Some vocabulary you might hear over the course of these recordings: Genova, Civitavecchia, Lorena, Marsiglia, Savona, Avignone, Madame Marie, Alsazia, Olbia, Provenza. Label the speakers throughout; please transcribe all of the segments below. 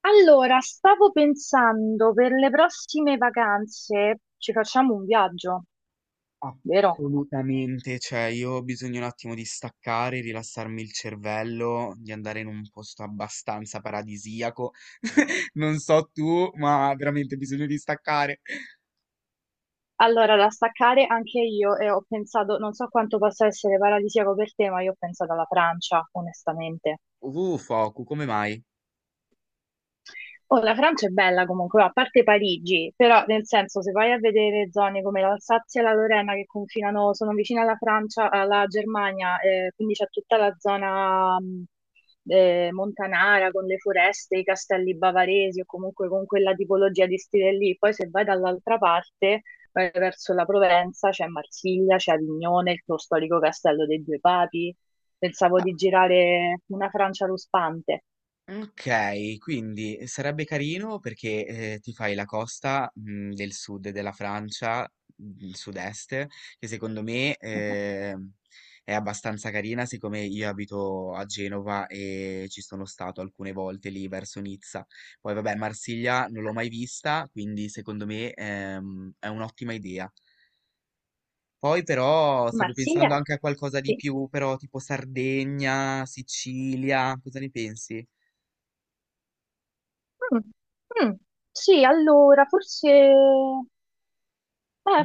Speaker 1: Allora, stavo pensando per le prossime vacanze ci facciamo un viaggio, vero?
Speaker 2: Assolutamente, cioè io ho bisogno un attimo di staccare, rilassarmi il cervello, di andare in un posto abbastanza paradisiaco. Non so tu, ma veramente ho bisogno di staccare.
Speaker 1: Allora, da staccare anche io e ho pensato, non so quanto possa essere paradisiaco per te, ma io ho pensato alla Francia, onestamente.
Speaker 2: Foku, come mai?
Speaker 1: Oh, la Francia è bella comunque, a parte Parigi, però nel senso se vai a vedere zone come l'Alsazia e la Lorena che confinano, sono vicine alla Francia, alla Germania, quindi c'è tutta la zona montanara con le foreste, i castelli bavaresi o comunque con quella tipologia di stile lì. Poi se vai dall'altra parte, vai verso la Provenza, c'è Marsiglia, c'è Avignone, lo storico castello dei due papi. Pensavo di girare una Francia ruspante.
Speaker 2: Okay, quindi, sarebbe carino perché, ti fai la costa, del sud della Francia, sud-est, che secondo me, è abbastanza carina, siccome io abito a Genova e ci sono stato alcune volte lì verso Nizza. Poi vabbè Marsiglia non l'ho mai vista, quindi secondo me, è un'ottima idea. Poi però stavo
Speaker 1: Marsiglia?
Speaker 2: pensando anche a qualcosa di
Speaker 1: Sì.
Speaker 2: più, però tipo Sardegna, Sicilia, cosa ne pensi?
Speaker 1: Mm, mm. Sì, allora, forse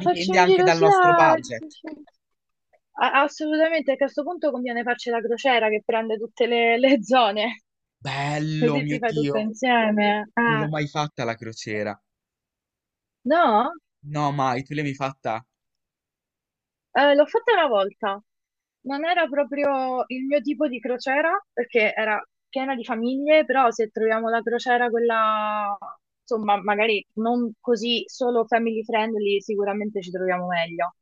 Speaker 1: farci un
Speaker 2: anche
Speaker 1: giro
Speaker 2: dal nostro
Speaker 1: sia... sì,
Speaker 2: budget.
Speaker 1: sì. Assolutamente, perché a questo punto conviene farci la crociera che prende tutte le zone,
Speaker 2: Bello,
Speaker 1: così
Speaker 2: mio
Speaker 1: ti fai tutto
Speaker 2: Dio,
Speaker 1: insieme.
Speaker 2: non l'ho
Speaker 1: Ah,
Speaker 2: mai fatta la crociera.
Speaker 1: no?
Speaker 2: No, mai, tu l'hai mai fatta?
Speaker 1: L'ho fatta una volta, non era proprio il mio tipo di crociera perché era piena di famiglie, però se troviamo la crociera quella, insomma, magari non così solo family friendly, sicuramente ci troviamo meglio.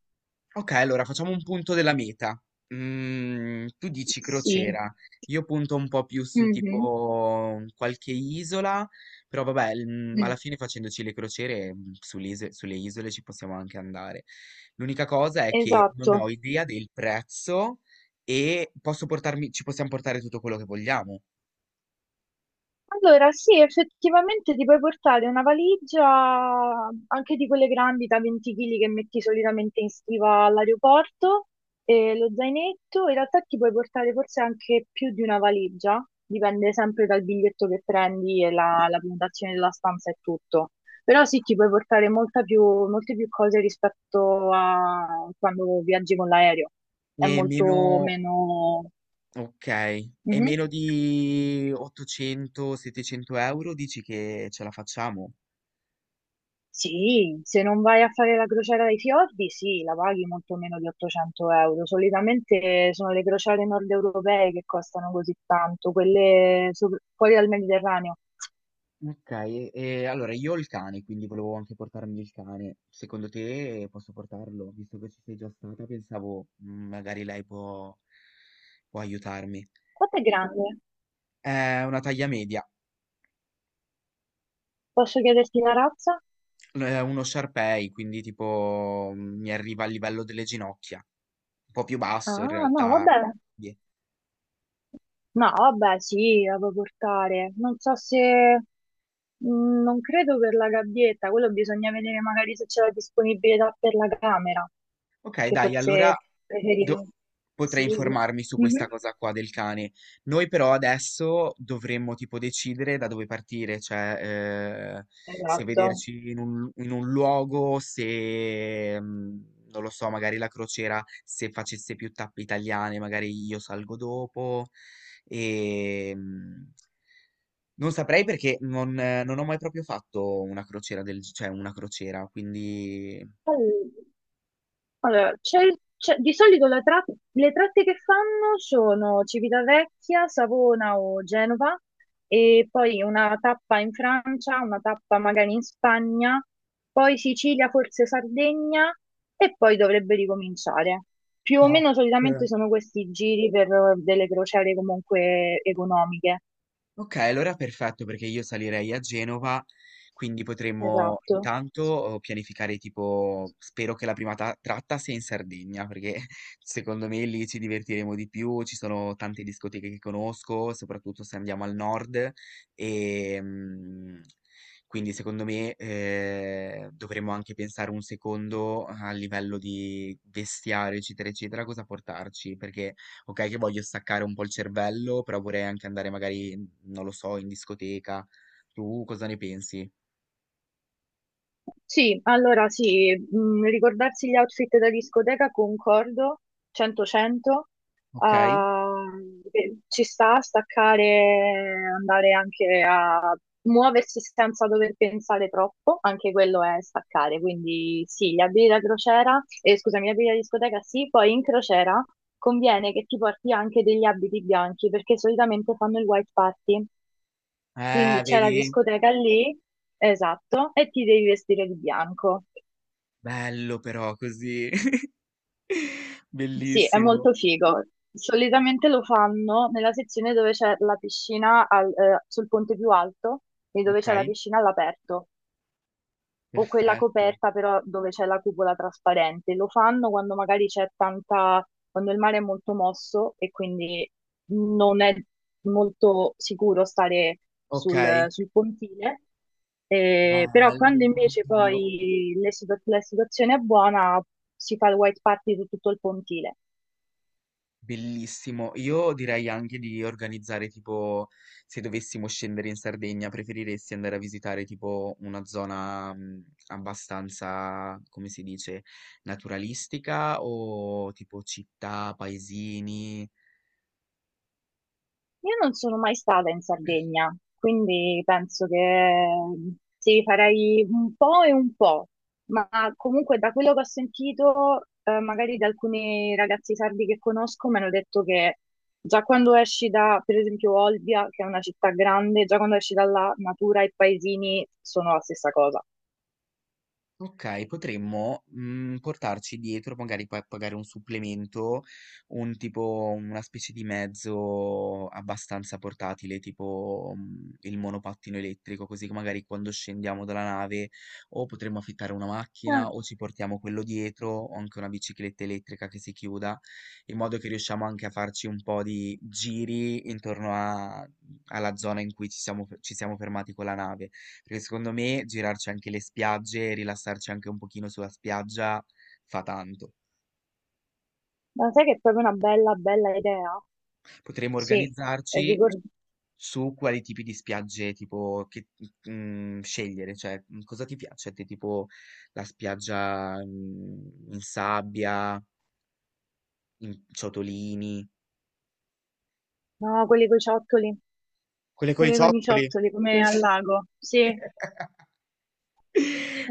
Speaker 2: Ok, allora facciamo un punto della meta. Tu dici
Speaker 1: Sì.
Speaker 2: crociera, io punto un po' più su
Speaker 1: Mhm.
Speaker 2: tipo qualche isola, però vabbè,
Speaker 1: Mm.
Speaker 2: alla fine facendoci le crociere sulle isole ci possiamo anche andare. L'unica cosa è che non ho
Speaker 1: Esatto.
Speaker 2: idea del prezzo e posso portarmi, ci possiamo portare tutto quello che vogliamo.
Speaker 1: Allora, sì, effettivamente ti puoi portare una valigia anche di quelle grandi da 20 kg che metti solitamente in stiva all'aeroporto e lo zainetto. In realtà ti puoi portare forse anche più di una valigia, dipende sempre dal biglietto che prendi e la prenotazione della stanza e tutto. Però sì, ti puoi portare molte più cose rispetto a quando viaggi con l'aereo. È
Speaker 2: E meno
Speaker 1: molto meno.
Speaker 2: Okay. E
Speaker 1: Mhm.
Speaker 2: meno di 800, 700 € dici che ce la facciamo?
Speaker 1: Sì, se non vai a fare la crociera dei fiordi, sì, la paghi molto meno di 800 euro. Solitamente sono le crociere nord europee che costano così tanto, quelle fuori dal Mediterraneo.
Speaker 2: Okay. E allora io ho il cane, quindi volevo anche portarmi il cane. Secondo te posso portarlo? Visto che ci sei già stata pensavo, magari lei può aiutarmi.
Speaker 1: Quanto è grande?
Speaker 2: È una taglia media,
Speaker 1: Posso chiederti la razza?
Speaker 2: l è uno Shar Pei, quindi tipo, mi arriva al livello delle ginocchia, un po' più basso in
Speaker 1: Ah, no,
Speaker 2: realtà.
Speaker 1: vabbè.
Speaker 2: Di
Speaker 1: No, vabbè, sì, la puoi portare. Non so se, non credo per la gabbietta, quello bisogna vedere magari se c'è la disponibilità per la camera,
Speaker 2: Ok,
Speaker 1: che
Speaker 2: dai, allora
Speaker 1: forse
Speaker 2: do-
Speaker 1: preferire.
Speaker 2: potrei
Speaker 1: Sì.
Speaker 2: informarmi su questa
Speaker 1: Mhm.
Speaker 2: cosa qua del cane. Noi però adesso dovremmo tipo decidere da dove partire, cioè, se
Speaker 1: Esatto.
Speaker 2: vederci in un luogo, se non lo so, magari la crociera, se facesse più tappe italiane, magari io salgo dopo. E, non saprei perché non ho mai proprio fatto una crociera del, cioè una crociera, quindi.
Speaker 1: All- Allora, di solito le tratte che fanno sono Civitavecchia, Savona o Genova e poi una tappa in Francia, una tappa magari in Spagna, poi Sicilia, forse Sardegna e poi dovrebbe ricominciare. Più o
Speaker 2: No.
Speaker 1: meno solitamente sono questi giri per delle crociere comunque economiche.
Speaker 2: Ok, allora perfetto perché io salirei a Genova, quindi potremmo
Speaker 1: Esatto.
Speaker 2: intanto pianificare tipo, spero che la prima tratta sia in Sardegna, perché secondo me lì ci divertiremo di più, ci sono tante discoteche che conosco, soprattutto se andiamo al nord e quindi secondo me dovremmo anche pensare un secondo a livello di vestiario, eccetera, eccetera, cosa portarci, perché ok che voglio staccare un po' il cervello, però vorrei anche andare magari non lo so, in discoteca. Tu cosa ne pensi?
Speaker 1: Sì, allora sì, ricordarsi gli outfit da discoteca, concordo, 100-100,
Speaker 2: Ok?
Speaker 1: ci sta a staccare, andare anche a muoversi senza dover pensare troppo, anche quello è staccare, quindi sì, gli abiti da crociera, scusami, gli abiti da discoteca sì, poi in crociera conviene che ti porti anche degli abiti bianchi, perché solitamente fanno il white party, quindi c'è la
Speaker 2: Vedi?
Speaker 1: discoteca lì. Esatto, e ti devi vestire di bianco.
Speaker 2: Bello però così.
Speaker 1: Sì, è
Speaker 2: Bellissimo.
Speaker 1: molto figo. Solitamente lo fanno nella sezione dove c'è la piscina sul ponte più alto e dove c'è la
Speaker 2: Ok,
Speaker 1: piscina all'aperto, o quella
Speaker 2: perfetto.
Speaker 1: coperta però dove c'è la cupola trasparente. Lo fanno quando magari c'è tanta, quando il mare è molto mosso e quindi non è molto sicuro stare
Speaker 2: Ok,
Speaker 1: sul pontile. Però
Speaker 2: bello,
Speaker 1: quando
Speaker 2: mio
Speaker 1: invece
Speaker 2: Dio.
Speaker 1: poi la situazione è buona si fa il white party su tutto il pontile.
Speaker 2: Bellissimo. Io direi anche di organizzare tipo, se dovessimo scendere in Sardegna, preferiresti andare a visitare tipo una zona abbastanza, come si dice, naturalistica o tipo città, paesini?
Speaker 1: Io non sono mai stata in Sardegna, quindi penso che sì, farei un po' e un po', ma comunque da quello che ho sentito, magari da alcuni ragazzi sardi che conosco, mi hanno detto che già quando esci da, per esempio, Olbia, che è una città grande, già quando esci dalla natura e paesini sono la stessa cosa.
Speaker 2: Okay, potremmo, portarci dietro, magari poi a pagare un supplemento, un tipo una specie di mezzo abbastanza portatile, tipo, il monopattino elettrico, così che magari quando scendiamo dalla nave o potremmo affittare una
Speaker 1: Ah,
Speaker 2: macchina o ci portiamo quello dietro o anche una bicicletta elettrica che si chiuda, in modo che riusciamo anche a farci un po' di giri intorno a alla zona in cui ci siamo fermati con la nave. Perché secondo me girarci anche le spiagge, rilassarci anche un pochino sulla spiaggia fa tanto.
Speaker 1: ma sai che è proprio una bella, bella idea?
Speaker 2: Potremmo
Speaker 1: Sì,
Speaker 2: organizzarci
Speaker 1: ricordo.
Speaker 2: su quali tipi di spiagge tipo che, scegliere, cioè cosa ti piace a te, tipo la spiaggia in sabbia, in ciotolini.
Speaker 1: No, quelli con i ciottoli,
Speaker 2: Quelle con i
Speaker 1: quelli con i
Speaker 2: ciottoli.
Speaker 1: ciottoli come al lago, sì.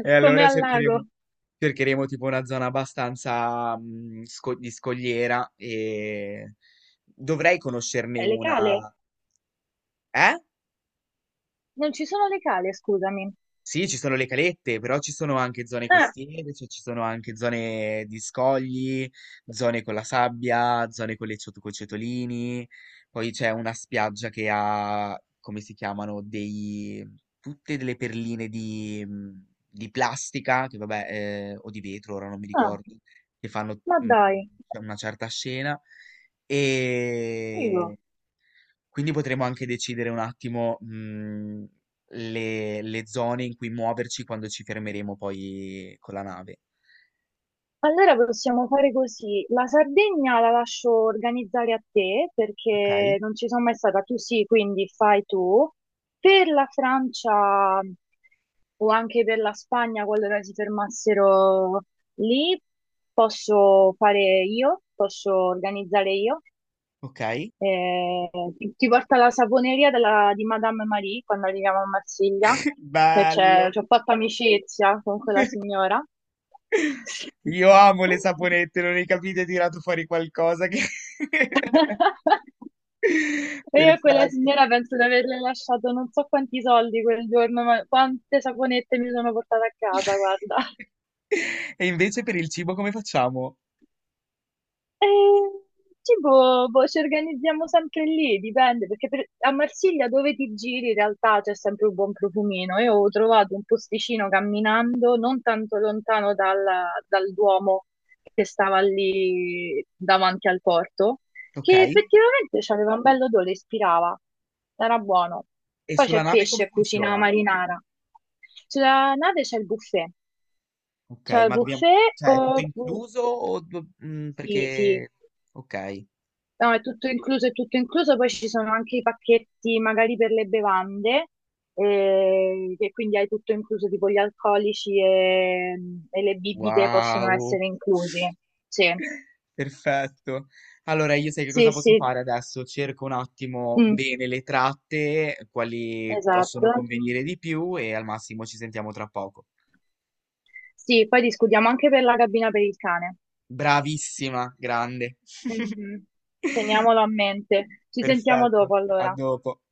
Speaker 2: E
Speaker 1: Come
Speaker 2: allora
Speaker 1: al lago.
Speaker 2: cercheremo tipo una zona abbastanza di scogliera e dovrei conoscerne
Speaker 1: Le
Speaker 2: una.
Speaker 1: cale?
Speaker 2: Eh?
Speaker 1: Non ci sono le cale, scusami.
Speaker 2: Sì, ci sono le calette, però ci sono anche zone
Speaker 1: Ah,
Speaker 2: costiere, cioè ci sono anche zone di scogli, zone con la sabbia, zone con le coi ciotolini. Poi c'è una spiaggia che ha, come si chiamano, dei, tutte delle perline di plastica, che vabbè, o di vetro, ora non mi
Speaker 1: ah.
Speaker 2: ricordo, che fanno,
Speaker 1: Ma dai,
Speaker 2: c'è una certa scena. E
Speaker 1: figo.
Speaker 2: Quindi potremo anche decidere un attimo, le zone in cui muoverci quando ci fermeremo poi con la nave.
Speaker 1: Allora possiamo fare così. La Sardegna la lascio organizzare a te
Speaker 2: Ok?
Speaker 1: perché non ci sono mai stata. Tu sì, quindi fai tu. Per la Francia o anche per la Spagna, qualora si fermassero lì, posso fare io, posso organizzare io.
Speaker 2: Ok?
Speaker 1: Eh, ti porta alla saponeria di Madame Marie quando arriviamo a Marsiglia. E
Speaker 2: Bello!
Speaker 1: ci ho fatto amicizia con quella signora. Sì.
Speaker 2: Io amo le saponette, non ne capite? Ho tirato fuori qualcosa che.
Speaker 1: E io a quella
Speaker 2: Perfetto.
Speaker 1: signora penso di averle lasciato non so quanti soldi quel giorno, ma quante saponette mi sono portata a casa, guarda.
Speaker 2: E invece per il cibo come facciamo?
Speaker 1: Eh, tipo, boh, ci organizziamo sempre lì, dipende, perché a Marsiglia dove ti giri in realtà c'è sempre un buon profumino. Io ho trovato un posticino camminando non tanto lontano dal Duomo che stava lì davanti al porto,
Speaker 2: Ok?
Speaker 1: che effettivamente aveva un bello odore, ispirava, era buono.
Speaker 2: E
Speaker 1: Poi
Speaker 2: sulla
Speaker 1: c'è
Speaker 2: nave come
Speaker 1: pesce, cucina
Speaker 2: funziona?
Speaker 1: marinara. Sulla nave
Speaker 2: Ok,
Speaker 1: c'è il
Speaker 2: ma dobbiamo.
Speaker 1: buffet
Speaker 2: Cioè, è tutto
Speaker 1: o...
Speaker 2: incluso o
Speaker 1: Sì, sì.
Speaker 2: perché. Ok.
Speaker 1: No, è tutto incluso, poi ci sono anche i pacchetti magari per le bevande, che quindi hai tutto incluso, tipo gli alcolici e le bibite possono
Speaker 2: Wow,
Speaker 1: essere inclusi. Sì,
Speaker 2: perfetto. Allora, io sai che
Speaker 1: sì,
Speaker 2: cosa posso
Speaker 1: sì.
Speaker 2: fare adesso? Cerco un attimo
Speaker 1: Mm,
Speaker 2: bene le tratte, quali possono
Speaker 1: esatto.
Speaker 2: convenire di più e al massimo ci sentiamo tra poco.
Speaker 1: Sì, poi discutiamo anche per la cabina per il cane.
Speaker 2: Bravissima, grande.
Speaker 1: Mhm. Teniamolo a mente. Ci sentiamo
Speaker 2: Perfetto,
Speaker 1: dopo
Speaker 2: a
Speaker 1: allora.
Speaker 2: dopo.